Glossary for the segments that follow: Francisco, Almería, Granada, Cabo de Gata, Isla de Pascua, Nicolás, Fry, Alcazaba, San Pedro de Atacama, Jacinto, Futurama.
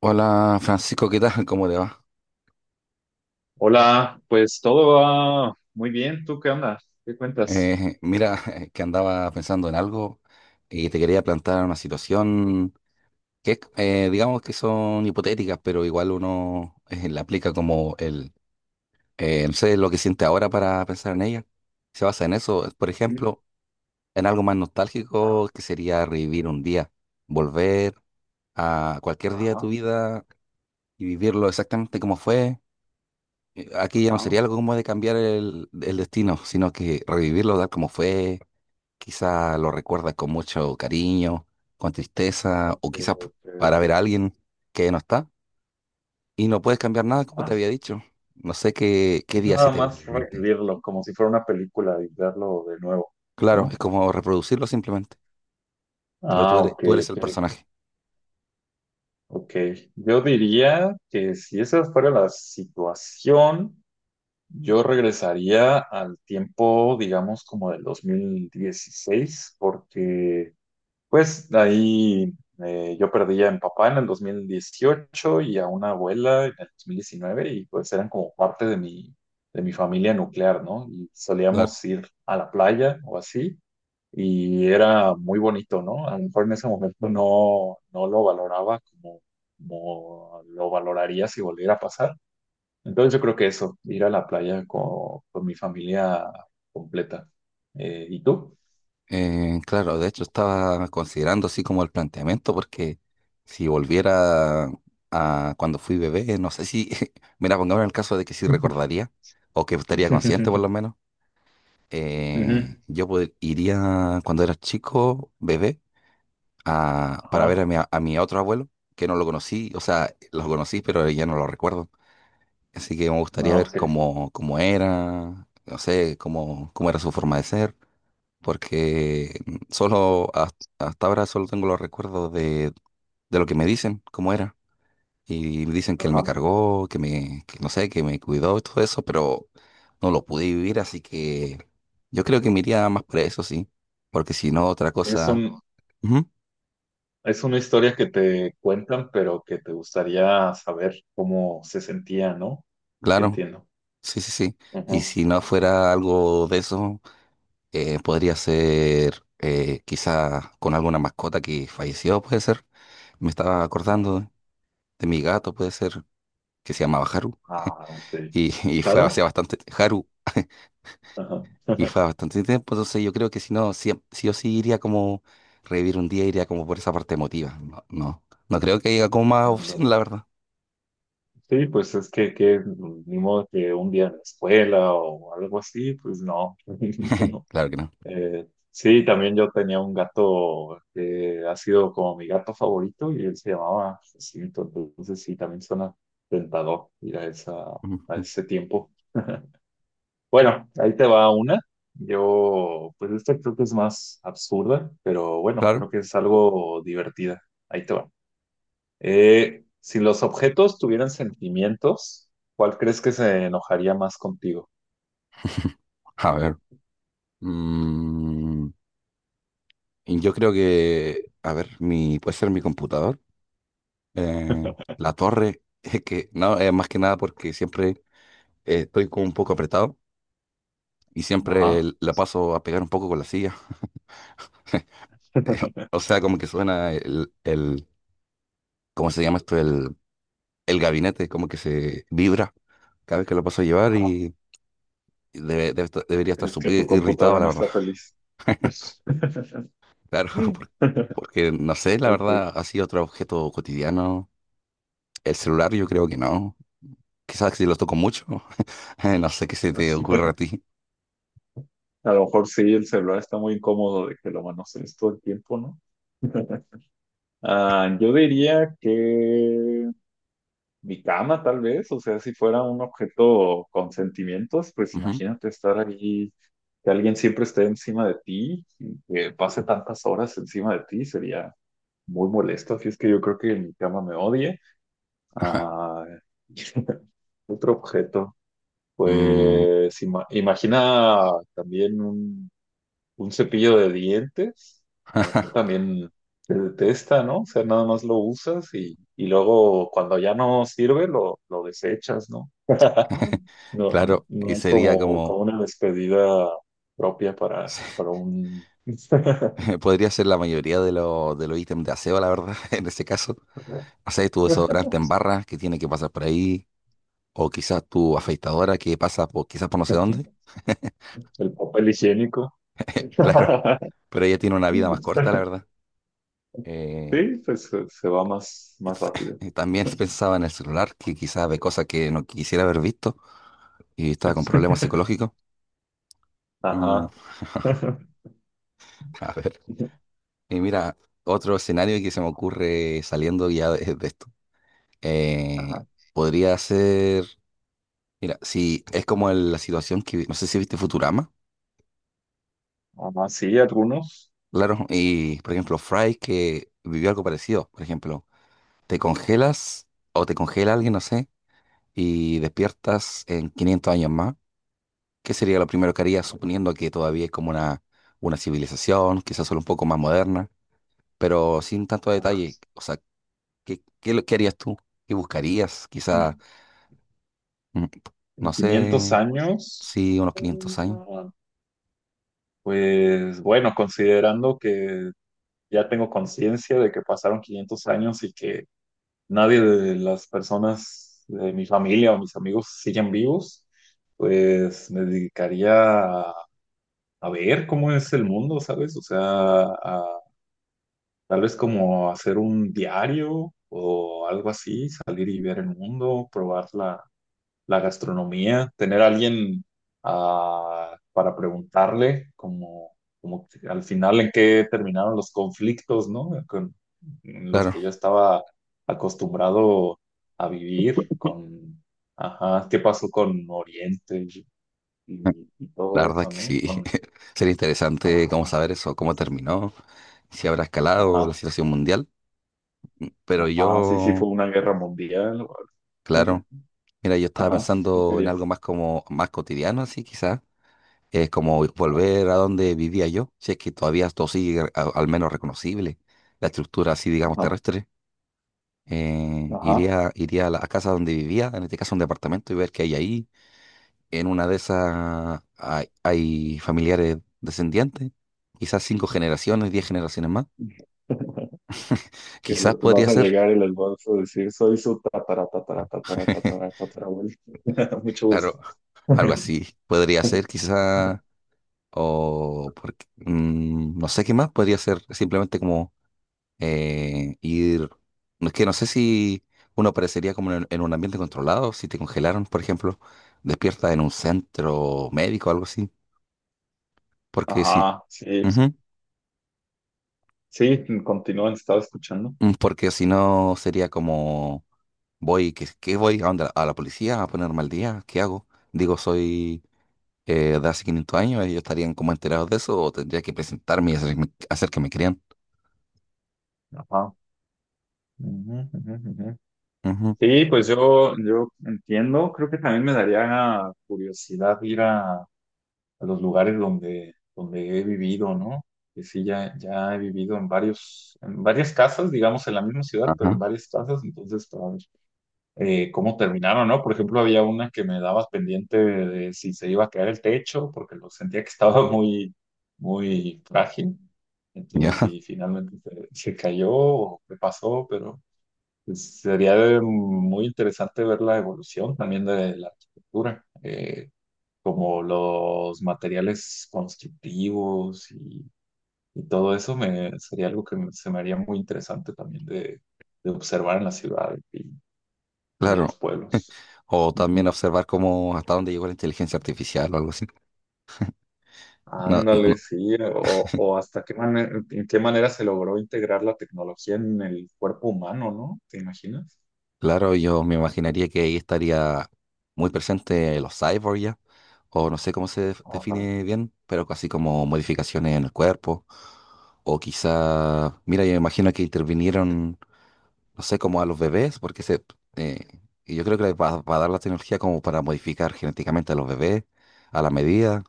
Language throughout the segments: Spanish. Hola Francisco, ¿qué tal? ¿Cómo te va? Hola, pues todo va muy bien. ¿Tú qué andas? ¿Qué cuentas? Mira, que andaba pensando en algo y te quería plantear una situación que, es, digamos que son hipotéticas, pero igual uno la aplica como el, no sé, lo que siente ahora para pensar en ella. Se basa en eso, por Sí. ejemplo, en algo más Ah, nostálgico que sería revivir un día, volver a cualquier día de tu ajá, vida y vivirlo exactamente como fue. Aquí ya no sería ajá. algo como de cambiar el destino, sino que revivirlo tal como fue. Quizá lo recuerdas con mucho cariño, con tristeza, Ok, o quizás ok, ok. para ver a alguien que no está y no puedes cambiar nada, como Ah, te había dicho. No sé qué es día sí nada te viene a más la mente. revivirlo como si fuera una película y verlo de nuevo, Claro, es ¿no? como reproducirlo simplemente, pero tú Ah, eres, ok, tú eres el ok, personaje. ok. Yo diría que si esa fuera la situación, yo regresaría al tiempo, digamos, como del 2016, porque pues de ahí yo perdí a mi papá en el 2018 y a una abuela en el 2019 y pues eran como parte de mi, familia nuclear, ¿no? Y Claro. solíamos ir a la playa o así y era muy bonito, ¿no? A lo mejor en ese momento no lo valoraba como, lo valoraría si volviera a pasar. Entonces yo creo que eso, ir a la playa con, mi familia completa. ¿Y tú? Claro, de hecho estaba considerando así como el planteamiento, porque si volviera a cuando fui bebé, no sé si, mira, pongamos el caso de que sí recordaría, o que estaría consciente por lo menos, Ujú. Yo iría cuando era chico, bebé, para ver Ajá. A mi otro abuelo, que no lo conocí, o sea, lo conocí, pero ya no lo recuerdo. Así que me No, gustaría ver ok. cómo era, no sé, cómo era su forma de ser, porque solo hasta ahora solo tengo los recuerdos de lo que me dicen, cómo era. Y dicen que él me Ajá. cargó, que no sé, que me cuidó y todo eso, pero no lo pude vivir, así que yo creo que me iría más por eso, sí. Porque si no, otra Es cosa. un, Ujú, es una historia que te cuentan, pero que te gustaría saber cómo se sentía, ¿no? Sí, claro, entiendo. sí, sí, sí. Ajá. Y si no fuera algo de eso, podría ser, quizá con alguna mascota que falleció, puede ser. Me estaba Ah, acordando de mi gato, puede ser, que se llamaba Haru, ah, sí. y fue hace Claro. bastante, Haru, Ajá. y fue hace bastante tiempo, entonces yo creo que si no, sí sí o sí iría como revivir un día, iría como por esa parte emotiva. No, no, no creo que haya como más opción, Ándale. la verdad. Sí, pues es que ni modo que un día en la escuela o algo así, pues no. No. Claro que no. Sí, también yo tenía un gato que ha sido como mi gato favorito y él se llamaba Jacinto, entonces sí, también suena tentador ir a esa, a Ujú. ese tiempo. Bueno, ahí te va una. Yo, pues esta creo que es más absurda, pero bueno, Claro. creo que es algo divertida. Ahí te va. Si los objetos tuvieran sentimientos, ¿cuál crees que se enojaría más contigo? A ver, mm, y yo creo que, a ver, puede ser mi computador, eh, la torre, es que, no, es más que nada porque siempre estoy como un poco apretado, y siempre Ajá, la paso a pegar un poco con la silla. O sea, como que suena el, ¿cómo se llama esto? El gabinete, como que se vibra cada vez que lo paso a llevar ajá. y debería estar ¿Crees que súper tu irritado, computadora la no verdad. está feliz? Claro, porque, no sé, la Ok. verdad, así otro objeto cotidiano. El celular yo creo que no. Quizás si lo toco mucho, no sé qué se O te ocurre a sea, ti. a lo mejor sí, el celular está muy incómodo de que lo manosees todo el tiempo, ¿no? Ah, yo diría que mi cama, tal vez, o sea, si fuera un objeto con sentimientos, pues Ujú. imagínate estar allí que alguien siempre esté encima de ti, y que pase tantas horas encima de ti, sería muy molesto, así es que yo creo que mi cama me odie. Ah, otro objeto, Mm, pues imagina también un cepillo de dientes, a lo mejor también se detesta, ¿no? O sea, nada más lo usas y, luego cuando ya no sirve lo desechas, ¿no? No, claro, no y hay sería como, como como, una despedida propia para, para un... podría ser la mayoría de los de los ítems de aseo, la verdad, en ese caso. Haces tu desodorante en barra que tiene que pasar por ahí, o quizás tu afeitadora que pasa por, quizás por no sé dónde. el papel higiénico. Claro, pero ella tiene una vida más corta, la verdad. Eh, Sí, pues se, va más, y más t- rápido. y también pensaba en el celular, que quizás ve cosas que no quisiera haber visto y estaba con problemas psicológicos. Mm, Ajá. a ver, y mira, otro escenario que se me ocurre saliendo ya de esto. Ajá. Eh, Ah, podría ser, mira, si es como la situación que, no sé si viste Futurama. sí, algunos. Claro, y por ejemplo, Fry que vivió algo parecido. Por ejemplo, te congelas o te congela alguien, no sé, y despiertas en 500 años más. ¿Qué sería lo primero que harías, suponiendo que todavía es como una civilización, quizás solo un poco más moderna, pero sin tanto Ajá. detalle? O sea, ¿ qué harías tú? ¿Qué buscarías? Quizás, En, mm, en no 500 sé, años, sí, unos 500 años. mm, pues bueno, considerando que ya tengo conciencia de que pasaron 500 años y que nadie de las personas de mi familia o mis amigos siguen vivos, pues me dedicaría a, a, ver cómo es el mundo, ¿sabes? O sea, a- tal vez como hacer un diario o algo así, salir y ver el mundo, probar la gastronomía, tener a alguien para preguntarle, como, como que al final en qué terminaron los conflictos, ¿no? Con, en los Claro. que yo estaba acostumbrado a vivir, con, ajá, qué pasó con Oriente y La todo verdad es eso, que ¿no? sí, Con, sería interesante cómo ajá, saber eso, cómo terminó, si habrá escalado la ajá, situación mundial. Pero ajá, sí, sí, yo, fue una guerra mundial. claro, mira, yo estaba Ajá, tú pensando en algo querías. más como más cotidiano, así quizás, es como volver a donde vivía yo, si es que todavía esto sigue al menos reconocible, la estructura así, digamos, Ajá, terrestre. Ajá. iría a la a casa donde vivía, en este caso un departamento, y ver qué hay ahí. En una de esas hay familiares descendientes, quizás cinco generaciones, 10 generaciones más. que Quizás vas podría a ser, llegar y les vas a decir, soy su tatara, tatara, tatara, tatara, tatarabuelo. Mucho claro, gusto. algo así. Podría ser, quizás, o porque, no sé qué más, podría ser simplemente como ir. No es que no sé si uno aparecería como en un ambiente controlado, si te congelaron, por ejemplo, despierta en un centro médico o algo así, porque si, Ajá, sí, ujú, sí, continúan, estaba escuchando. Porque si no sería como: voy, ¿qué voy? ¿A dónde? ¿A la policía? ¿A ponerme al día? ¿Qué hago? Digo, soy de hace 500 años, ellos estarían como enterados de eso, o tendría que presentarme y hacer que me crean. Ajá. Ujú, ujú, ujú. Ujú, Sí, pues yo, entiendo, creo que también me daría curiosidad ir a, los lugares donde he vivido, ¿no? Que sí, ya, he vivido en varias casas, digamos, en la misma ciudad, pero en ajá, varias casas, entonces, para ver cómo terminaron, ¿no? Por ejemplo, había una que me daba pendiente de si se iba a caer el techo, porque lo sentía que estaba muy, muy frágil. ya, Entonces, si finalmente se, cayó o qué pasó, pero pues, sería muy interesante ver la evolución también de la arquitectura, como los materiales constructivos y todo eso sería algo que se me haría muy interesante también de, observar en las ciudades y en los claro. pueblos. O también Ujú. observar cómo, hasta dónde llegó la inteligencia artificial o algo así. No, no, Ándale, sí, o hasta qué manera, en qué manera se logró integrar la tecnología en el cuerpo humano, ¿no? ¿Te imaginas? claro, yo me imaginaría que ahí estaría muy presente los cyborgs ya, o no sé cómo se Ajá, define bien, pero casi como modificaciones en el cuerpo, o quizá, mira, yo me imagino que intervinieron, no sé, como a los bebés, porque eh, y yo creo que va a dar la tecnología como para modificar genéticamente a los bebés a la medida,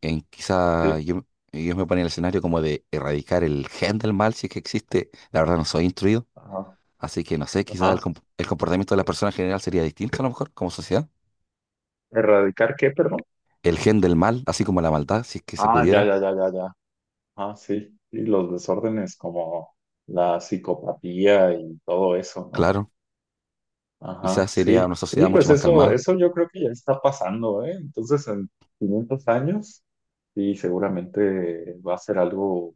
en quizá sí, yo me ponía en el escenario como de erradicar el gen del mal si es que existe, la verdad no soy instruido. ajá, Así que no sé, quizás ajá. El comportamiento de las personas en general sería distinto a lo mejor como sociedad. ¿Erradicar qué, perdón? El gen del mal, así como la maldad, si es que se Ah, ya, pudiera, ya, ya, ya, ya. Ah, sí, y los desórdenes como la psicopatía y todo eso, ¿no? claro. Ajá, Quizás sería sí, una sí, sociedad mucho pues más eso, calmada. eso yo creo que ya está pasando, ¿eh? Entonces, en 500 años, sí, seguramente va a ser algo,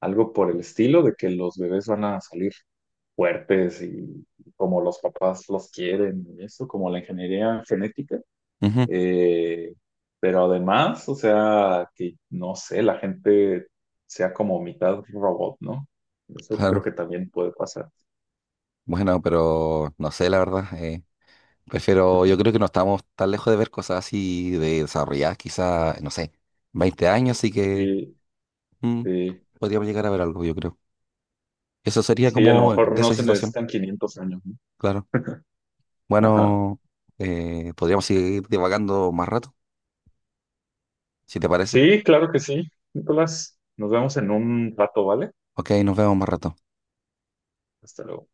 algo por el estilo de que los bebés van a salir fuertes y como los papás los quieren y eso, como la ingeniería genética. Ujú, Eh, pero además, o sea, que no sé, la gente sea como mitad robot, ¿no? Eso claro. creo que también puede pasar. Bueno, pero no sé, la verdad. Prefiero, yo creo que no estamos tan lejos de ver cosas así de desarrolladas, quizás, no sé, 20 años, así que Sí, mm, sí. podríamos llegar a ver algo, yo creo. Eso sería Sí, a lo como mejor de no esa se situación, necesitan 500 años, ¿no? claro. Ajá. Bueno, podríamos seguir divagando más rato, si te parece. Sí, claro que sí, Nicolás. Nos vemos en un rato, ¿vale? Ok, nos vemos más rato. Hasta luego.